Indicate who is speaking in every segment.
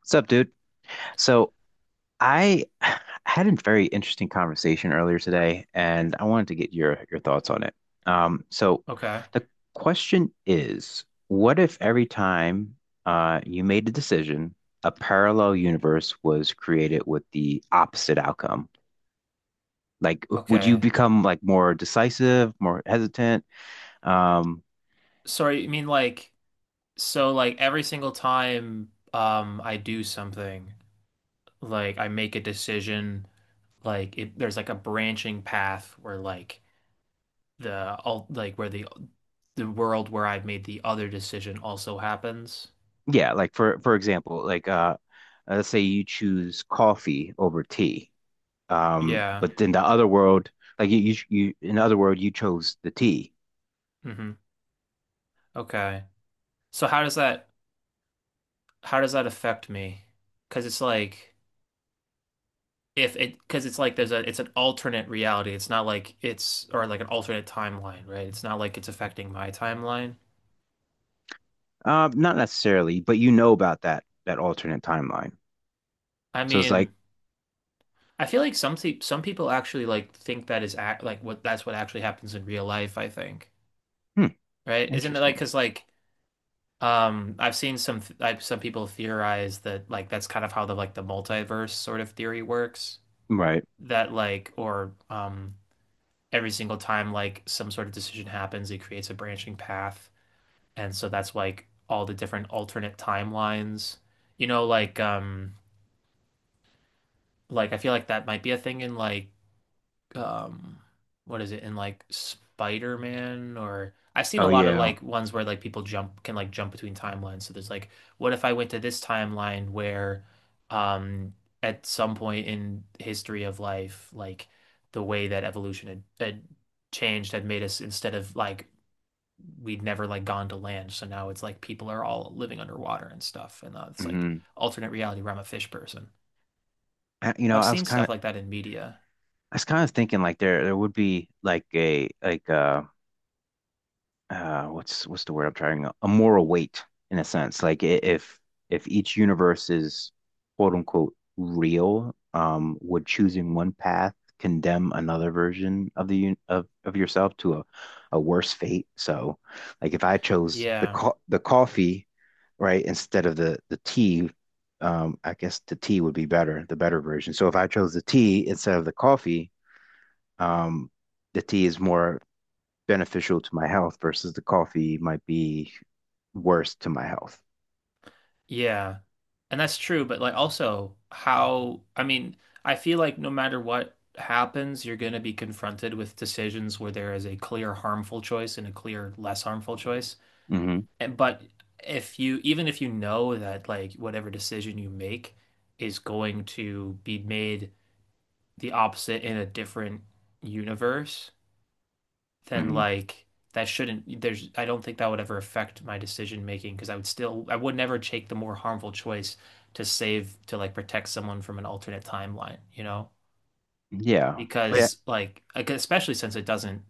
Speaker 1: What's up, dude? So, I had a very interesting conversation earlier today, and I wanted to get your thoughts on it. So,
Speaker 2: Okay.
Speaker 1: the question is, what if every time you made a decision, a parallel universe was created with the opposite outcome? Like, would you
Speaker 2: Okay.
Speaker 1: become like more decisive, more hesitant? Um,
Speaker 2: Sorry, you mean like, so like every single time I do something, like I make a decision, like there's like a branching path where like the all like where the the world where I've made the other decision also happens.
Speaker 1: yeah, like for example, like let's say you choose coffee over tea.
Speaker 2: Yeah.
Speaker 1: But in the other world, like you in the other world, you chose the T.
Speaker 2: hmm Okay. So how does that affect me? 'Cause it's like if it because it's like there's a it's an alternate reality. It's not like it's, or like an alternate timeline, right? It's not like it's affecting my timeline.
Speaker 1: Not necessarily, but you know about that alternate timeline.
Speaker 2: I
Speaker 1: So it's like,
Speaker 2: mean, I feel like some people actually like think that is act like what that's what actually happens in real life, I think.
Speaker 1: hmm,
Speaker 2: Right? Isn't it like
Speaker 1: interesting,
Speaker 2: because like I've seen some some people theorize that like that's kind of how the multiverse sort of theory works
Speaker 1: right?
Speaker 2: that like or every single time like some sort of decision happens, it creates a branching path. And so that's like all the different alternate timelines. You know, like I feel like that might be a thing in like um what is it, in like Spider-Man? Or I've seen a
Speaker 1: Oh
Speaker 2: lot of
Speaker 1: yeah.
Speaker 2: like ones where like people jump can like jump between timelines. So there's like, what if I went to this timeline where um at some point in history of life, like the way that evolution had changed had made us, instead of like we'd never like gone to land, so now it's like people are all living underwater and stuff. And it's like
Speaker 1: hmm
Speaker 2: alternate reality where I'm a fish person.
Speaker 1: I, you
Speaker 2: So
Speaker 1: know,
Speaker 2: I've seen stuff like that in media.
Speaker 1: I was kind of thinking like there would be like a like what's the word I'm trying, a moral weight, in a sense, like if each universe is quote unquote real, would choosing one path condemn another version of the un of yourself to a worse fate. So like if I chose the
Speaker 2: Yeah.
Speaker 1: co the coffee right, instead of the tea, I guess the tea would be better, the better version. So if I chose the tea instead of the coffee, um the tea is more beneficial to my health versus the coffee might be worse to my health.
Speaker 2: Yeah. And that's true. But like also how, I mean, I feel like no matter what happens, you're going to be confronted with decisions where there is a clear harmful choice and a clear less harmful choice.
Speaker 1: hmm
Speaker 2: And, but if you, even if you know that like whatever decision you make is going to be made the opposite in a different universe, then
Speaker 1: hmm
Speaker 2: like that shouldn't there's I don't think that would ever affect my decision making, because I would still, I would never take the more harmful choice to save, to like protect someone from an alternate timeline, you know?
Speaker 1: Yeah. But yeah,
Speaker 2: Because like, especially since it doesn't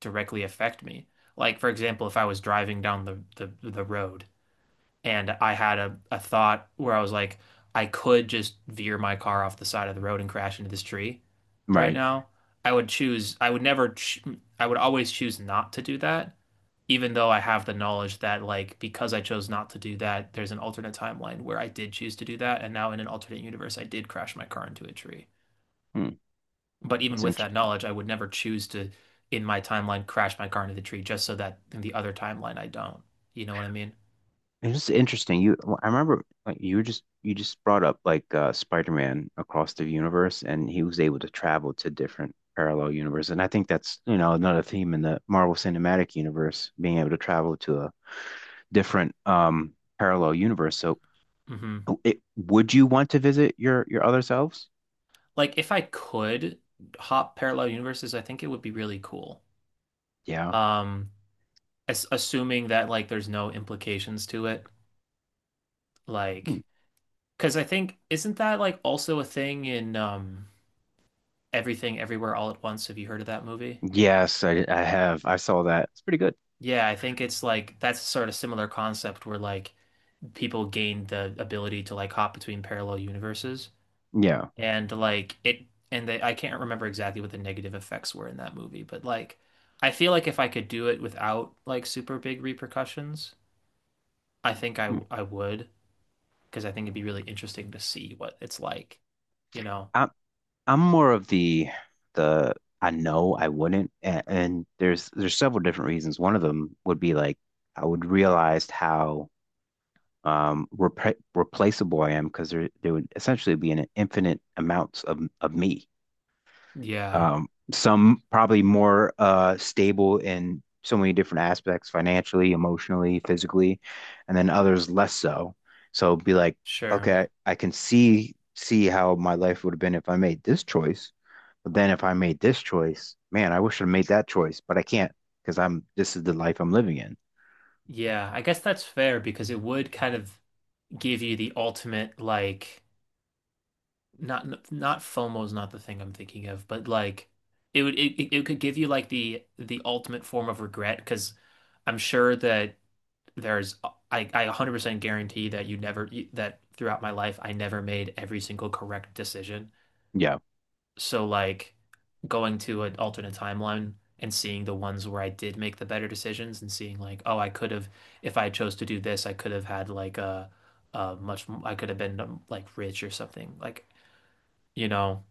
Speaker 2: directly affect me. Like for example, if I was driving down the road and I had a thought where I was like, I could just veer my car off the side of the road and crash into this tree right
Speaker 1: right.
Speaker 2: now. I would choose, I would never, ch I would always choose not to do that, even though I have the knowledge that, like, because I chose not to do that, there's an alternate timeline where I did choose to do that. And now in an alternate universe, I did crash my car into a tree.
Speaker 1: Hmm.
Speaker 2: But even
Speaker 1: That's
Speaker 2: with that
Speaker 1: interesting.
Speaker 2: knowledge, I would never choose to, in my timeline, crash my car into the tree just so that in the other timeline, I don't. You know what I mean?
Speaker 1: It's just interesting. You, well, I remember like you were just you just brought up like Spider-Man Across the Universe, and he was able to travel to different parallel universes. And I think that's, you know, another theme in the Marvel Cinematic Universe, being able to travel to a different parallel universe. So,
Speaker 2: hmm
Speaker 1: it, would you want to visit your other selves?
Speaker 2: like if I could hop parallel universes, I think it would be really cool.
Speaker 1: Yeah.
Speaker 2: Um, as assuming that like there's no implications to it,
Speaker 1: Hmm.
Speaker 2: like because I think isn't that like also a thing in Everything Everywhere All at Once? Have you heard of that movie?
Speaker 1: Yes, I have. I saw that. It's pretty good.
Speaker 2: Yeah, I think it's like that's a sort of similar concept where like people gain the ability to like hop between parallel universes.
Speaker 1: Yeah.
Speaker 2: And like it and they, I can't remember exactly what the negative effects were in that movie, but like I feel like if I could do it without like super big repercussions, I think I
Speaker 1: Mm.
Speaker 2: I would, because I think it'd be really interesting to see what it's like, you know.
Speaker 1: I'm I'm more of the, I know I wouldn't. And, and there's several different reasons. One of them would be like I would realize how repre replaceable I am, because there would essentially be an infinite amounts of me.
Speaker 2: Yeah,
Speaker 1: Some probably more stable in so many different aspects, financially, emotionally, physically, and then others less so. So be like,
Speaker 2: sure.
Speaker 1: okay, I can see how my life would have been if I made this choice. But then if I made this choice, man, I wish I made that choice, but I can't, because I'm, this is the life I'm living in.
Speaker 2: Yeah, I guess that's fair, because it would kind of give you the ultimate like, not not FOMO is not the thing I'm thinking of, but like it would it could give you like the ultimate form of regret. Because I'm sure that there's I 100% guarantee that you never, that throughout my life I never made every single correct decision.
Speaker 1: Yeah.
Speaker 2: So like going to an alternate timeline and seeing the ones where I did make the better decisions and seeing like, oh, I could have, if I chose to do this, I could have had like a much I could have been like rich or something. Like, you know,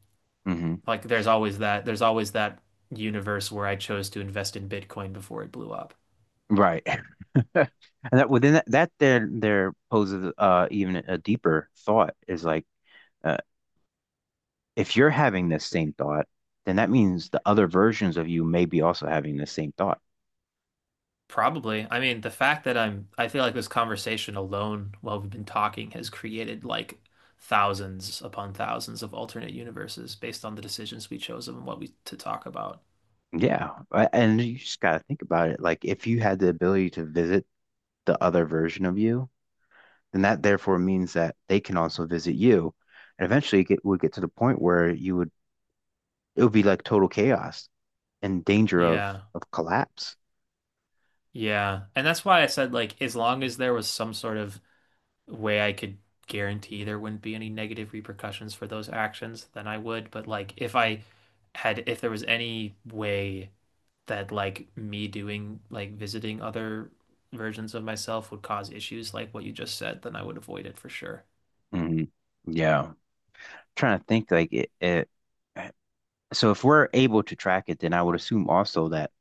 Speaker 1: hmm
Speaker 2: like there's always that, there's always that universe where I chose to invest in Bitcoin before it blew up.
Speaker 1: Right. And that, within that, there there poses even a deeper thought, is like uh, if you're having this same thought, then that means the other versions of you may be also having the same thought.
Speaker 2: Probably. I mean, the fact that I feel like this conversation alone while we've been talking has created like thousands upon thousands of alternate universes based on the decisions we chose and what we to talk about.
Speaker 1: Yeah, I- and you just gotta think about it. Like if you had the ability to visit the other version of you, then that therefore means that they can also visit you, and eventually it would get to the point where you would it would be like total chaos and danger
Speaker 2: Yeah.
Speaker 1: of collapse.
Speaker 2: Yeah. And that's why I said, like as long as there was some sort of way I could guarantee there wouldn't be any negative repercussions for those actions, then I would. But like if I had, if there was any way that like me doing like visiting other versions of myself would cause issues like what you just said, then I would avoid it for sure.
Speaker 1: Mhm. Yeah, trying to think like it. So if we're able to track it, then I would assume also that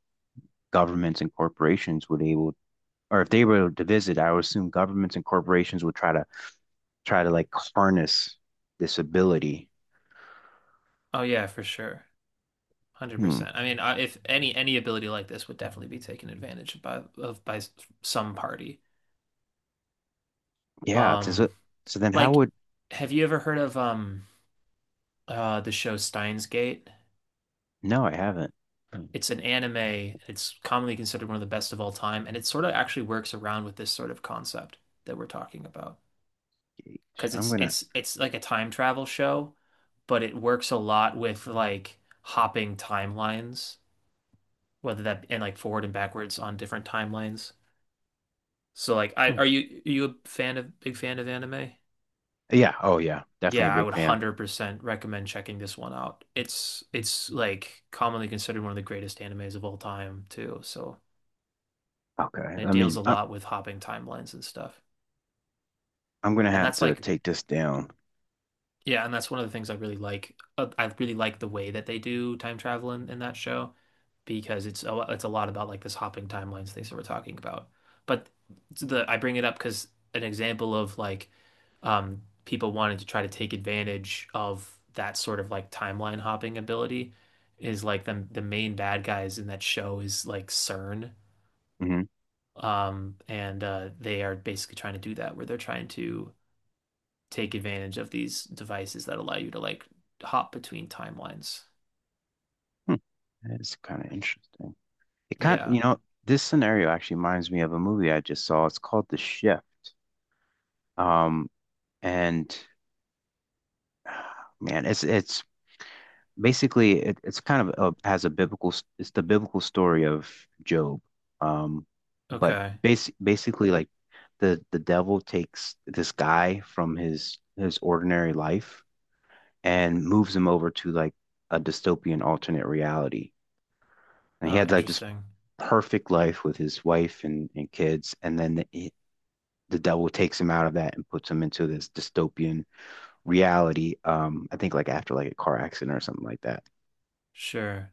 Speaker 1: governments and corporations would able, or if they were to visit, I would assume governments and corporations would try to try to like harness this ability.
Speaker 2: Oh yeah, for sure.
Speaker 1: Hmm.
Speaker 2: 100%. I mean, I, if any ability like this would definitely be taken advantage of by some party.
Speaker 1: Yeah.
Speaker 2: Um
Speaker 1: So then how
Speaker 2: like,
Speaker 1: would,
Speaker 2: have you ever heard of the show Steins Gate?
Speaker 1: no, I haven't
Speaker 2: It's an anime. It's commonly considered one of the best of all time, and it sort of actually works around with this sort of concept that we're talking about.
Speaker 1: engaged.
Speaker 2: Because
Speaker 1: I'm
Speaker 2: it's
Speaker 1: gonna,
Speaker 2: it's it's like a time travel show, but it works a lot with like hopping timelines, whether that, and like forward and backwards on different timelines. So like, I
Speaker 1: hmm.
Speaker 2: are you a fan, of big fan of anime?
Speaker 1: Yeah. Oh yeah. Definitely a
Speaker 2: Yeah, I
Speaker 1: big
Speaker 2: would
Speaker 1: fan.
Speaker 2: 100% recommend checking this one out. It's like commonly considered one of the greatest animes of all time too. So
Speaker 1: Okay.
Speaker 2: it deals a lot with hopping timelines and stuff.
Speaker 1: I'm gonna
Speaker 2: And
Speaker 1: have
Speaker 2: that's
Speaker 1: to
Speaker 2: like,
Speaker 1: take this down.
Speaker 2: yeah, and that's one of the things I really like. I really like the way that they do time travel in that show, because it's a, it's a lot about like this hopping timelines things that we're talking about. But the I bring it up because an example of like people wanting to try to take advantage of that sort of like timeline hopping ability is like the main bad guys in that show is like CERN.
Speaker 1: hmm
Speaker 2: And they are basically trying to do that, where they're trying to take advantage of these devices that allow you to like hop between timelines.
Speaker 1: Hmm. That's kind of interesting. It kind,
Speaker 2: Yeah.
Speaker 1: you know, this scenario actually reminds me of a movie I just saw. It's called The Shift. Um, and man, it's basically it's kind of a, has a biblical it's the biblical story of Job. Um, but
Speaker 2: Okay.
Speaker 1: basically like the devil takes this guy from his ordinary life and moves him over to like a dystopian alternate reality. And he
Speaker 2: Oh,
Speaker 1: had like this
Speaker 2: interesting.
Speaker 1: perfect life with his wife and kids, and then the devil takes him out of that and puts him into this dystopian reality. I think like after like a car accident or something like that.
Speaker 2: Sure.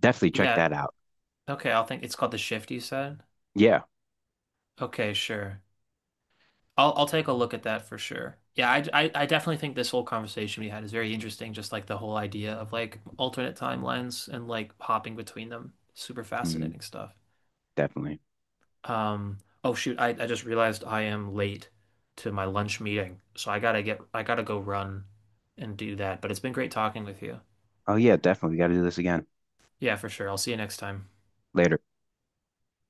Speaker 1: Definitely check
Speaker 2: Yeah.
Speaker 1: that out.
Speaker 2: Okay, I'll, think it's called The Shift, you said.
Speaker 1: Yeah,
Speaker 2: Okay, sure. I'll take a look at that for sure. Yeah, I definitely think this whole conversation we had is very interesting, just like the whole idea of like alternate timelines and like hopping between them. Super
Speaker 1: hmm
Speaker 2: fascinating stuff.
Speaker 1: definitely.
Speaker 2: Um, oh shoot, I just realized I am late to my lunch meeting, so I gotta go run and do that. But it's been great talking with you.
Speaker 1: Oh yeah, definitely. We got to do this again
Speaker 2: Yeah, for sure. I'll see you next time.
Speaker 1: later.